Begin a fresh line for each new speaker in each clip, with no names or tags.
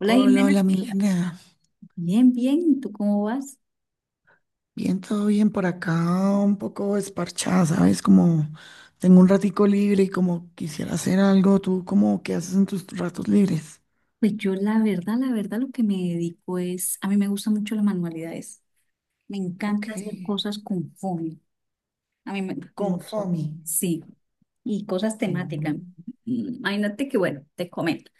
Hola
Hola,
Jimena,
hola Milena.
bien, bien, ¿y tú cómo vas?
Bien, todo bien por acá, un poco esparchada, ¿sabes? Como tengo un ratico libre y como quisiera hacer algo. ¿Tú cómo qué haces en tus ratos libres?
Pues yo la verdad lo que me dedico es, a mí me gustan mucho las manualidades, me encanta
Ok,
hacer cosas con foamy, a mí me,
con
no sé,
FOMI.
sí, y cosas temáticas.
Oh.
Imagínate que, bueno, te comento,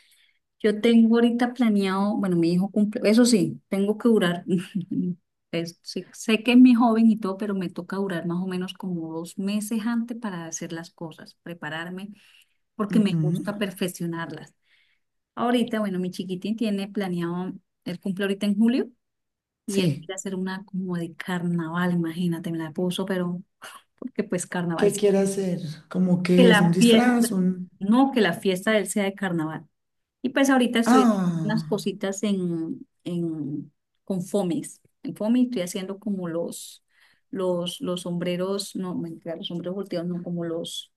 yo tengo ahorita planeado, bueno, mi hijo cumple, eso sí, tengo que durar, sí, sé que es mi joven y todo, pero me toca durar más o menos como 2 meses antes para hacer las cosas, prepararme, porque me
Ujú.
gusta perfeccionarlas. Ahorita, bueno, mi chiquitín tiene planeado, él cumple ahorita en julio y él
Sí.
quiere hacer una como de carnaval, imagínate, me la puso, pero porque pues carnaval,
¿Qué quiere hacer? Como
que
que es un
la fiesta,
disfraz, un...
no, que la fiesta de él sea de carnaval. Y pues ahorita estoy haciendo unas
Ah,
cositas con Fomis. En Fomis estoy haciendo como los sombreros, no, mentira, los sombreros volteados, no, como los,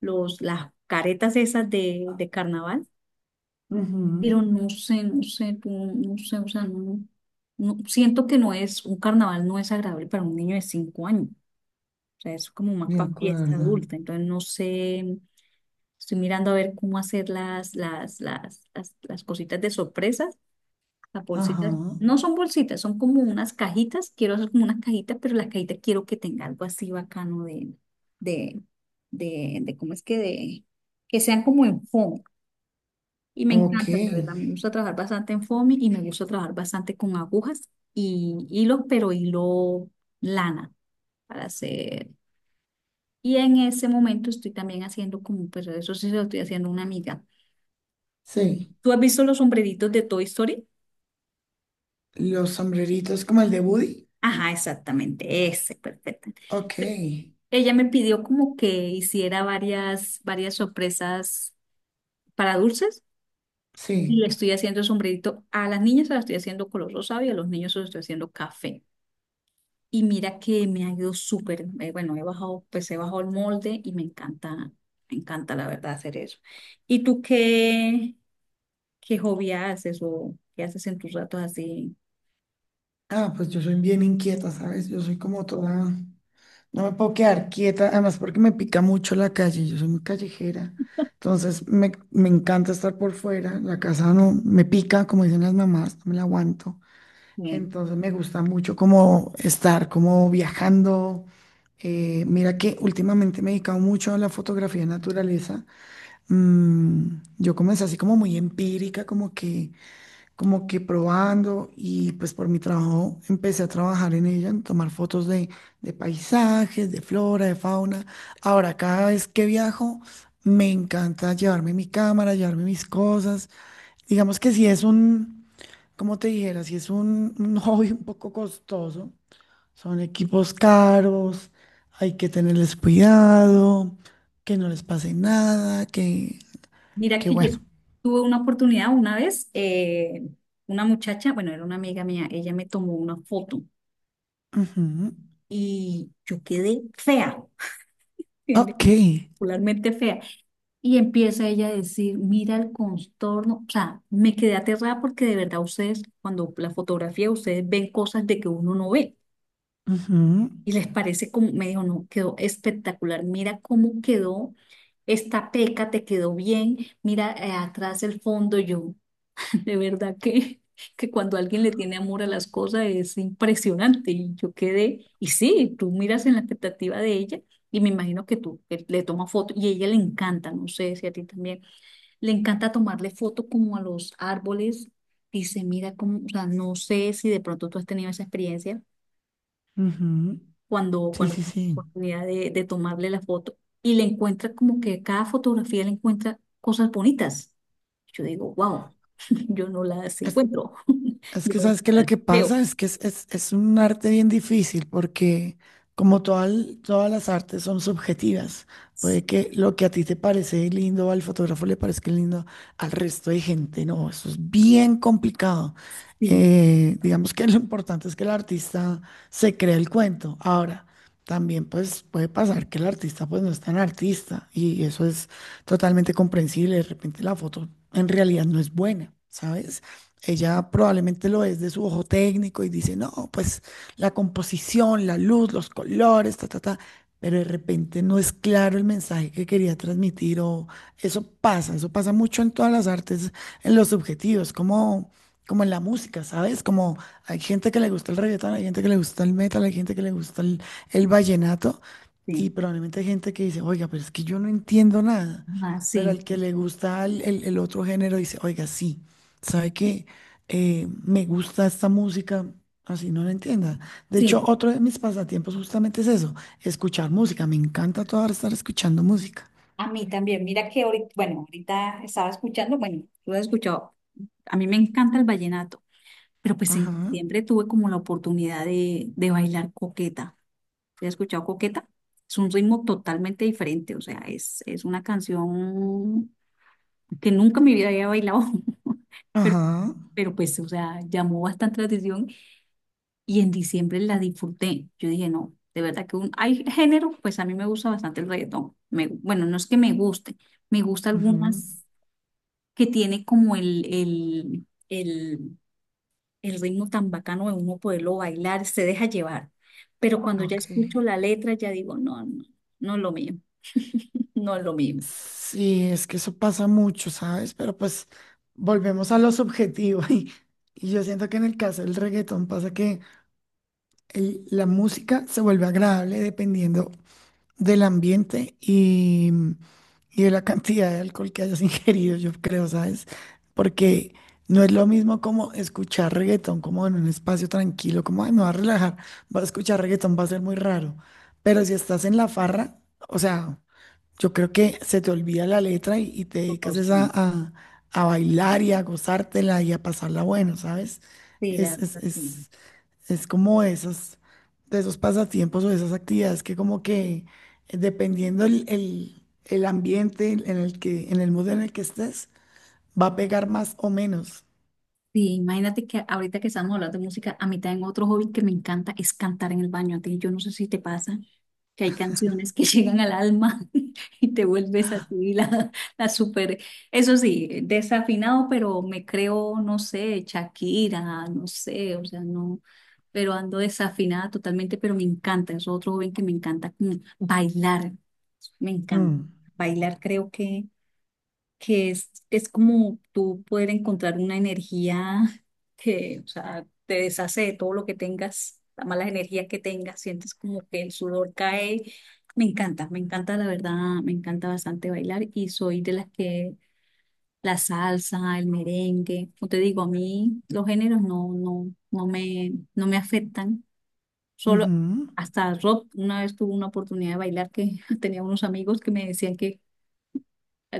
los, las caretas esas de carnaval.
ujú,
Pero no sé, no sé, tú, no sé, o sea, no, siento que no es, un carnaval no es agradable para un niño de 5 años, o sea, es como más
de
para fiesta
acuerdo.
adulta, entonces no sé, estoy mirando a ver cómo hacer las cositas de sorpresas, las
Ajá.
bolsitas, no son bolsitas, son como unas cajitas, quiero hacer como unas cajitas, pero las cajitas quiero que tenga algo así bacano de, de, ¿cómo es que de, que sean como en fondo? Y me
Ok,
encanta, la verdad, me gusta trabajar bastante en foamy y me gusta trabajar bastante con agujas y hilos, pero hilo lana para hacer. Y en ese momento estoy también haciendo como, pues eso sí se lo estoy haciendo a una amiga. Mm.
sí.
¿Tú has visto los sombreritos de Toy Story?
Los sombreritos como el de Woody.
Ajá, exactamente, ese, perfecto.
Ok,
Ella me pidió como que hiciera varias, varias sorpresas para dulces y
sí.
le estoy haciendo el sombrerito. A las niñas se las estoy haciendo color rosado y a los niños se los estoy haciendo café. Y mira que me ha ido súper, bueno, he bajado, pues he bajado el molde y me encanta la verdad hacer eso. ¿Y tú qué, qué hobby haces o qué haces en tus ratos así?
Ah, pues yo soy bien inquieta, ¿sabes? Yo soy como toda, no me puedo quedar quieta, además porque me pica mucho la calle, yo soy muy callejera, entonces me encanta estar por fuera, la casa no me pica, como dicen las mamás, no me la aguanto,
Eh,
entonces me gusta mucho como estar, como viajando. Mira que últimamente me he dedicado mucho a la fotografía de naturaleza. Mm, yo comencé así como muy empírica, como que probando y pues por mi trabajo empecé a trabajar en ella, en tomar fotos de paisajes, de flora, de fauna. Ahora, cada vez que viajo, me encanta llevarme mi cámara, llevarme mis cosas. Digamos que si es un, como te dijera, si es un hobby un poco costoso, son equipos caros, hay que tenerles cuidado, que no les pase nada,
Mira
que
que yo
bueno.
tuve una oportunidad una vez, una muchacha, bueno, era una amiga mía, ella me tomó una foto
Ujú.
y yo quedé fea, bien
Ok.
particularmente fea. Y empieza ella a decir, mira el contorno, o sea, me quedé aterrada porque de verdad ustedes, cuando la fotografía, ustedes ven cosas de que uno no ve
Ujú,
y les parece como, me dijo, no, quedó espectacular, mira cómo quedó esta peca, te quedó bien, mira atrás el fondo, yo, de verdad que cuando alguien le tiene amor a las cosas es impresionante y yo quedé, y sí, tú miras en la expectativa de ella y me imagino que tú le tomas foto y a ella le encanta, no sé si a ti también le encanta tomarle foto como a los árboles. Dice, mira cómo, o sea, no sé si de pronto tú has tenido esa experiencia
ujú.
cuando,
Sí,
cuando
sí,
tienes la
sí.
oportunidad de tomarle la foto. Y le encuentra como que cada fotografía le encuentra cosas bonitas. Yo digo, wow, yo no las
Es-
encuentro.
Es
Yo
que
no
sabes que lo
las
que
veo.
pasa es que es, es un arte bien difícil porque como toda todas las artes son subjetivas, puede que lo que a ti te parece lindo al fotógrafo le parezca lindo al resto de gente, no, eso es bien complicado.
Sí,
Digamos que lo importante es que el artista se crea el cuento. Ahora, también pues puede pasar que el artista pues no es tan artista y eso es totalmente comprensible, de repente la foto en realidad no es buena, ¿sabes? Ella probablemente lo es de su ojo técnico y dice, no, pues la composición, la luz, los colores, ta, ta, ta, pero de repente no es claro el mensaje que quería transmitir o eso pasa mucho en todas las artes, en los subjetivos, como, como en la música, ¿sabes? Como hay gente que le gusta el reggaetón, hay gente que le gusta el metal, hay gente que le gusta el vallenato
sí,
y probablemente hay gente que dice, oiga, pero es que yo no entiendo nada.
ah,
Pero
sí,
al que le gusta el, el otro género dice, oiga, sí, sabe que me gusta esta música, así no la entienda. De hecho,
sí.
otro de mis pasatiempos justamente es eso, escuchar música. Me encanta toda ahora estar escuchando música.
A mí también, mira que ahorita, bueno, ahorita estaba escuchando, bueno, tú lo has escuchado, a mí me encanta el vallenato. Pero pues en
Ajá,
diciembre tuve como la oportunidad de bailar coqueta. ¿Sí? ¿Has escuchado coqueta? Es un ritmo totalmente diferente, o sea, es una canción que nunca en mi vida había bailado, pero,
ajá,
pero pues, o sea, llamó bastante la atención y en diciembre la disfruté. Yo dije, no, de verdad que un, hay género, pues a mí me gusta bastante el reggaetón. Bueno, no es que me guste, me gusta
ujú.
algunas que tiene como el ritmo tan bacano de uno poderlo bailar, se deja llevar. Pero cuando ya
Ok.
escucho la letra, ya digo, no es lo mío, no es lo mío.
Sí, es que eso pasa mucho, ¿sabes? Pero pues volvemos a lo subjetivo. Y, y yo siento que en el caso del reggaetón pasa que la música se vuelve agradable dependiendo del ambiente y de la cantidad de alcohol que hayas ingerido, yo creo, ¿sabes? Porque no es lo mismo como escuchar reggaetón como en un espacio tranquilo, como, ay, me va a relajar, va a escuchar reggaetón, va a ser muy raro. Pero si estás en la farra, o sea, yo creo que se te olvida la letra y te
Oh,
dedicas es a,
sí.
a bailar y a gozártela y a pasarla bueno, ¿sabes?
Sí, la
Es,
verdad, sí.
es como esos, de esos pasatiempos o esas actividades que como que dependiendo el, el ambiente en el que, en el mood en el que estés, va a pegar más o menos.
Sí, imagínate que ahorita que estamos hablando de música, a mí también otro hobby que me encanta es cantar en el baño. A ti, yo no sé si te pasa que hay canciones que llegan al alma y te vuelves así la super, eso sí, desafinado, pero me creo, no sé, Shakira, no sé, o sea, no. Pero ando desafinada totalmente, pero me encanta, es otro joven que me encanta como bailar, me encanta.
Mm,
Bailar creo que es como tú poder encontrar una energía que, o sea, te deshace de todo lo que tengas, las malas energías que tengas, sientes como que el sudor cae. Me encanta la verdad, me encanta bastante bailar y soy de las que la salsa, el merengue, como te digo, a mí los géneros no, no, no me afectan. Solo
ujú.
hasta Rob una vez tuvo una oportunidad de bailar que tenía unos amigos que me decían que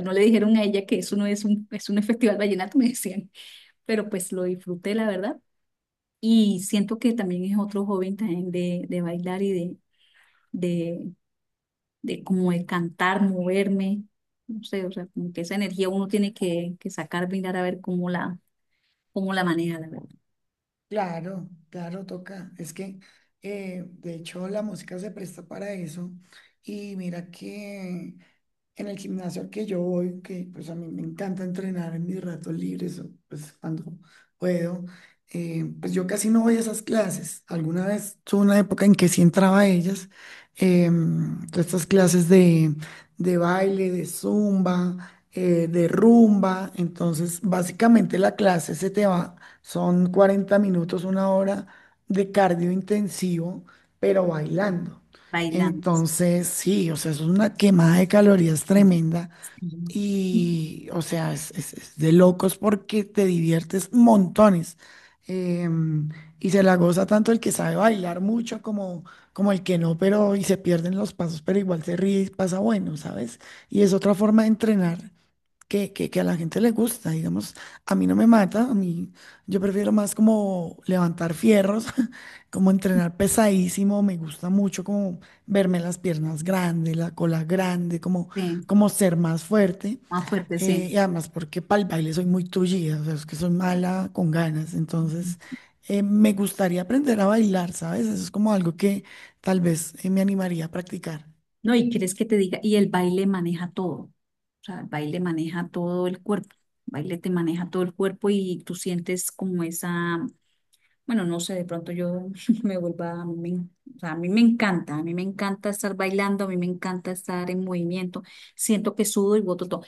no le dijeron a ella que eso no es un, es un festival vallenato, me decían, pero pues lo disfruté, la verdad. Y siento que también es otro joven también de bailar y de, de como de cantar, moverme, no sé, o sea, como que esa energía uno tiene que sacar, mirar a ver cómo la maneja, la verdad,
Claro, claro, toca. Es que de hecho la música se presta para eso. Y mira que en el gimnasio al que yo voy, que pues a mí me encanta entrenar en mis ratos libres, o, pues cuando puedo, pues yo casi no voy a esas clases. Alguna vez tuve una época en que sí entraba a ellas, todas estas clases de baile, de zumba, de rumba. Entonces, básicamente la clase se te va, son 40 minutos, una hora de cardio intensivo, pero bailando.
bailando.
Entonces, sí, o sea, es una quemada de calorías tremenda
Sí,
y, o sea, es, es de locos porque te diviertes montones. Em, y se la goza tanto el que sabe bailar mucho como, como el que no, pero y se pierden los pasos, pero igual se ríe y pasa bueno, ¿sabes? Y es otra forma de entrenar que a la gente le gusta, digamos, a mí no me mata, a mí yo prefiero más como levantar fierros, como entrenar pesadísimo, me gusta mucho como verme las piernas grandes, la cola grande, como,
sí,
como ser más fuerte.
más fuerte, sí.
Y además porque para el baile soy muy tullida, o sea, es que soy mala con ganas, entonces me gustaría aprender a bailar, ¿sabes? Eso es como algo que tal vez me animaría a practicar.
No, y quieres que te diga, y el baile maneja todo. O sea, el baile maneja todo el cuerpo. El baile te maneja todo el cuerpo y tú sientes como esa, bueno, no sé, de pronto yo me vuelva, me- o sea, a mí me encanta, a mí me encanta estar bailando, a mí me encanta estar en movimiento. Siento que sudo y boto todo.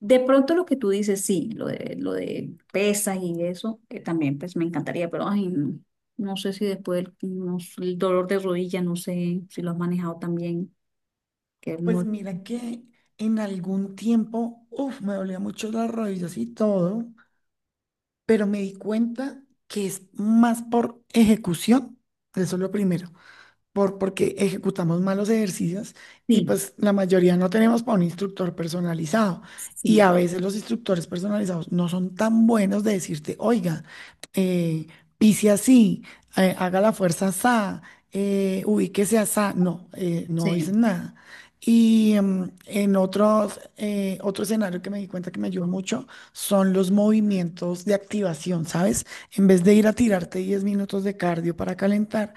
De pronto lo que tú dices, sí, lo de pesas y eso, que también pues me encantaría, pero ay, no, no sé si después el, no sé, el dolor de rodilla, no sé si lo has manejado también, que es
Pues
muy...
mira que en algún tiempo, uff, me dolía mucho las rodillas y todo, pero me di cuenta que es más por ejecución, eso es lo primero, por, porque ejecutamos malos ejercicios y
Sí,
pues la mayoría no tenemos para un instructor personalizado.
sí,
Y a veces los instructores personalizados no son tan buenos de decirte, oiga, eh, pise así, haga la fuerza asá, ubíquese asá. No, no
sí,
dicen nada. Y en otros, otro escenario que me di cuenta que me ayuda mucho son los movimientos de activación, ¿sabes? En vez de ir a tirarte 10 minutos de cardio para calentar,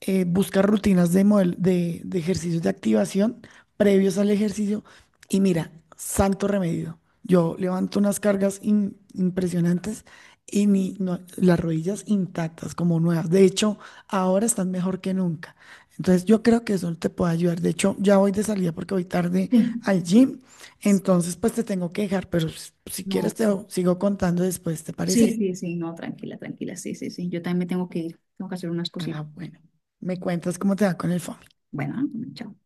busca rutinas de, de ejercicios de activación previos al ejercicio y mira, santo remedio. Yo levanto unas cargas impresionantes y las rodillas intactas, como nuevas. De hecho, ahora están mejor que nunca. Entonces, yo creo que eso te puede ayudar. De hecho, ya voy de salida porque voy tarde
sí.
al gym.
Sí,
Entonces, pues te tengo que dejar, pero si quieres
no,
te sigo contando después, ¿te
sí,
parece?
sí, sí, no, tranquila, tranquila, sí, sí, sí. Yo también me tengo que ir, tengo que hacer unas
Ah,
cositas.
bueno. Me cuentas cómo te va con el fondo.
Bueno, ah, chao.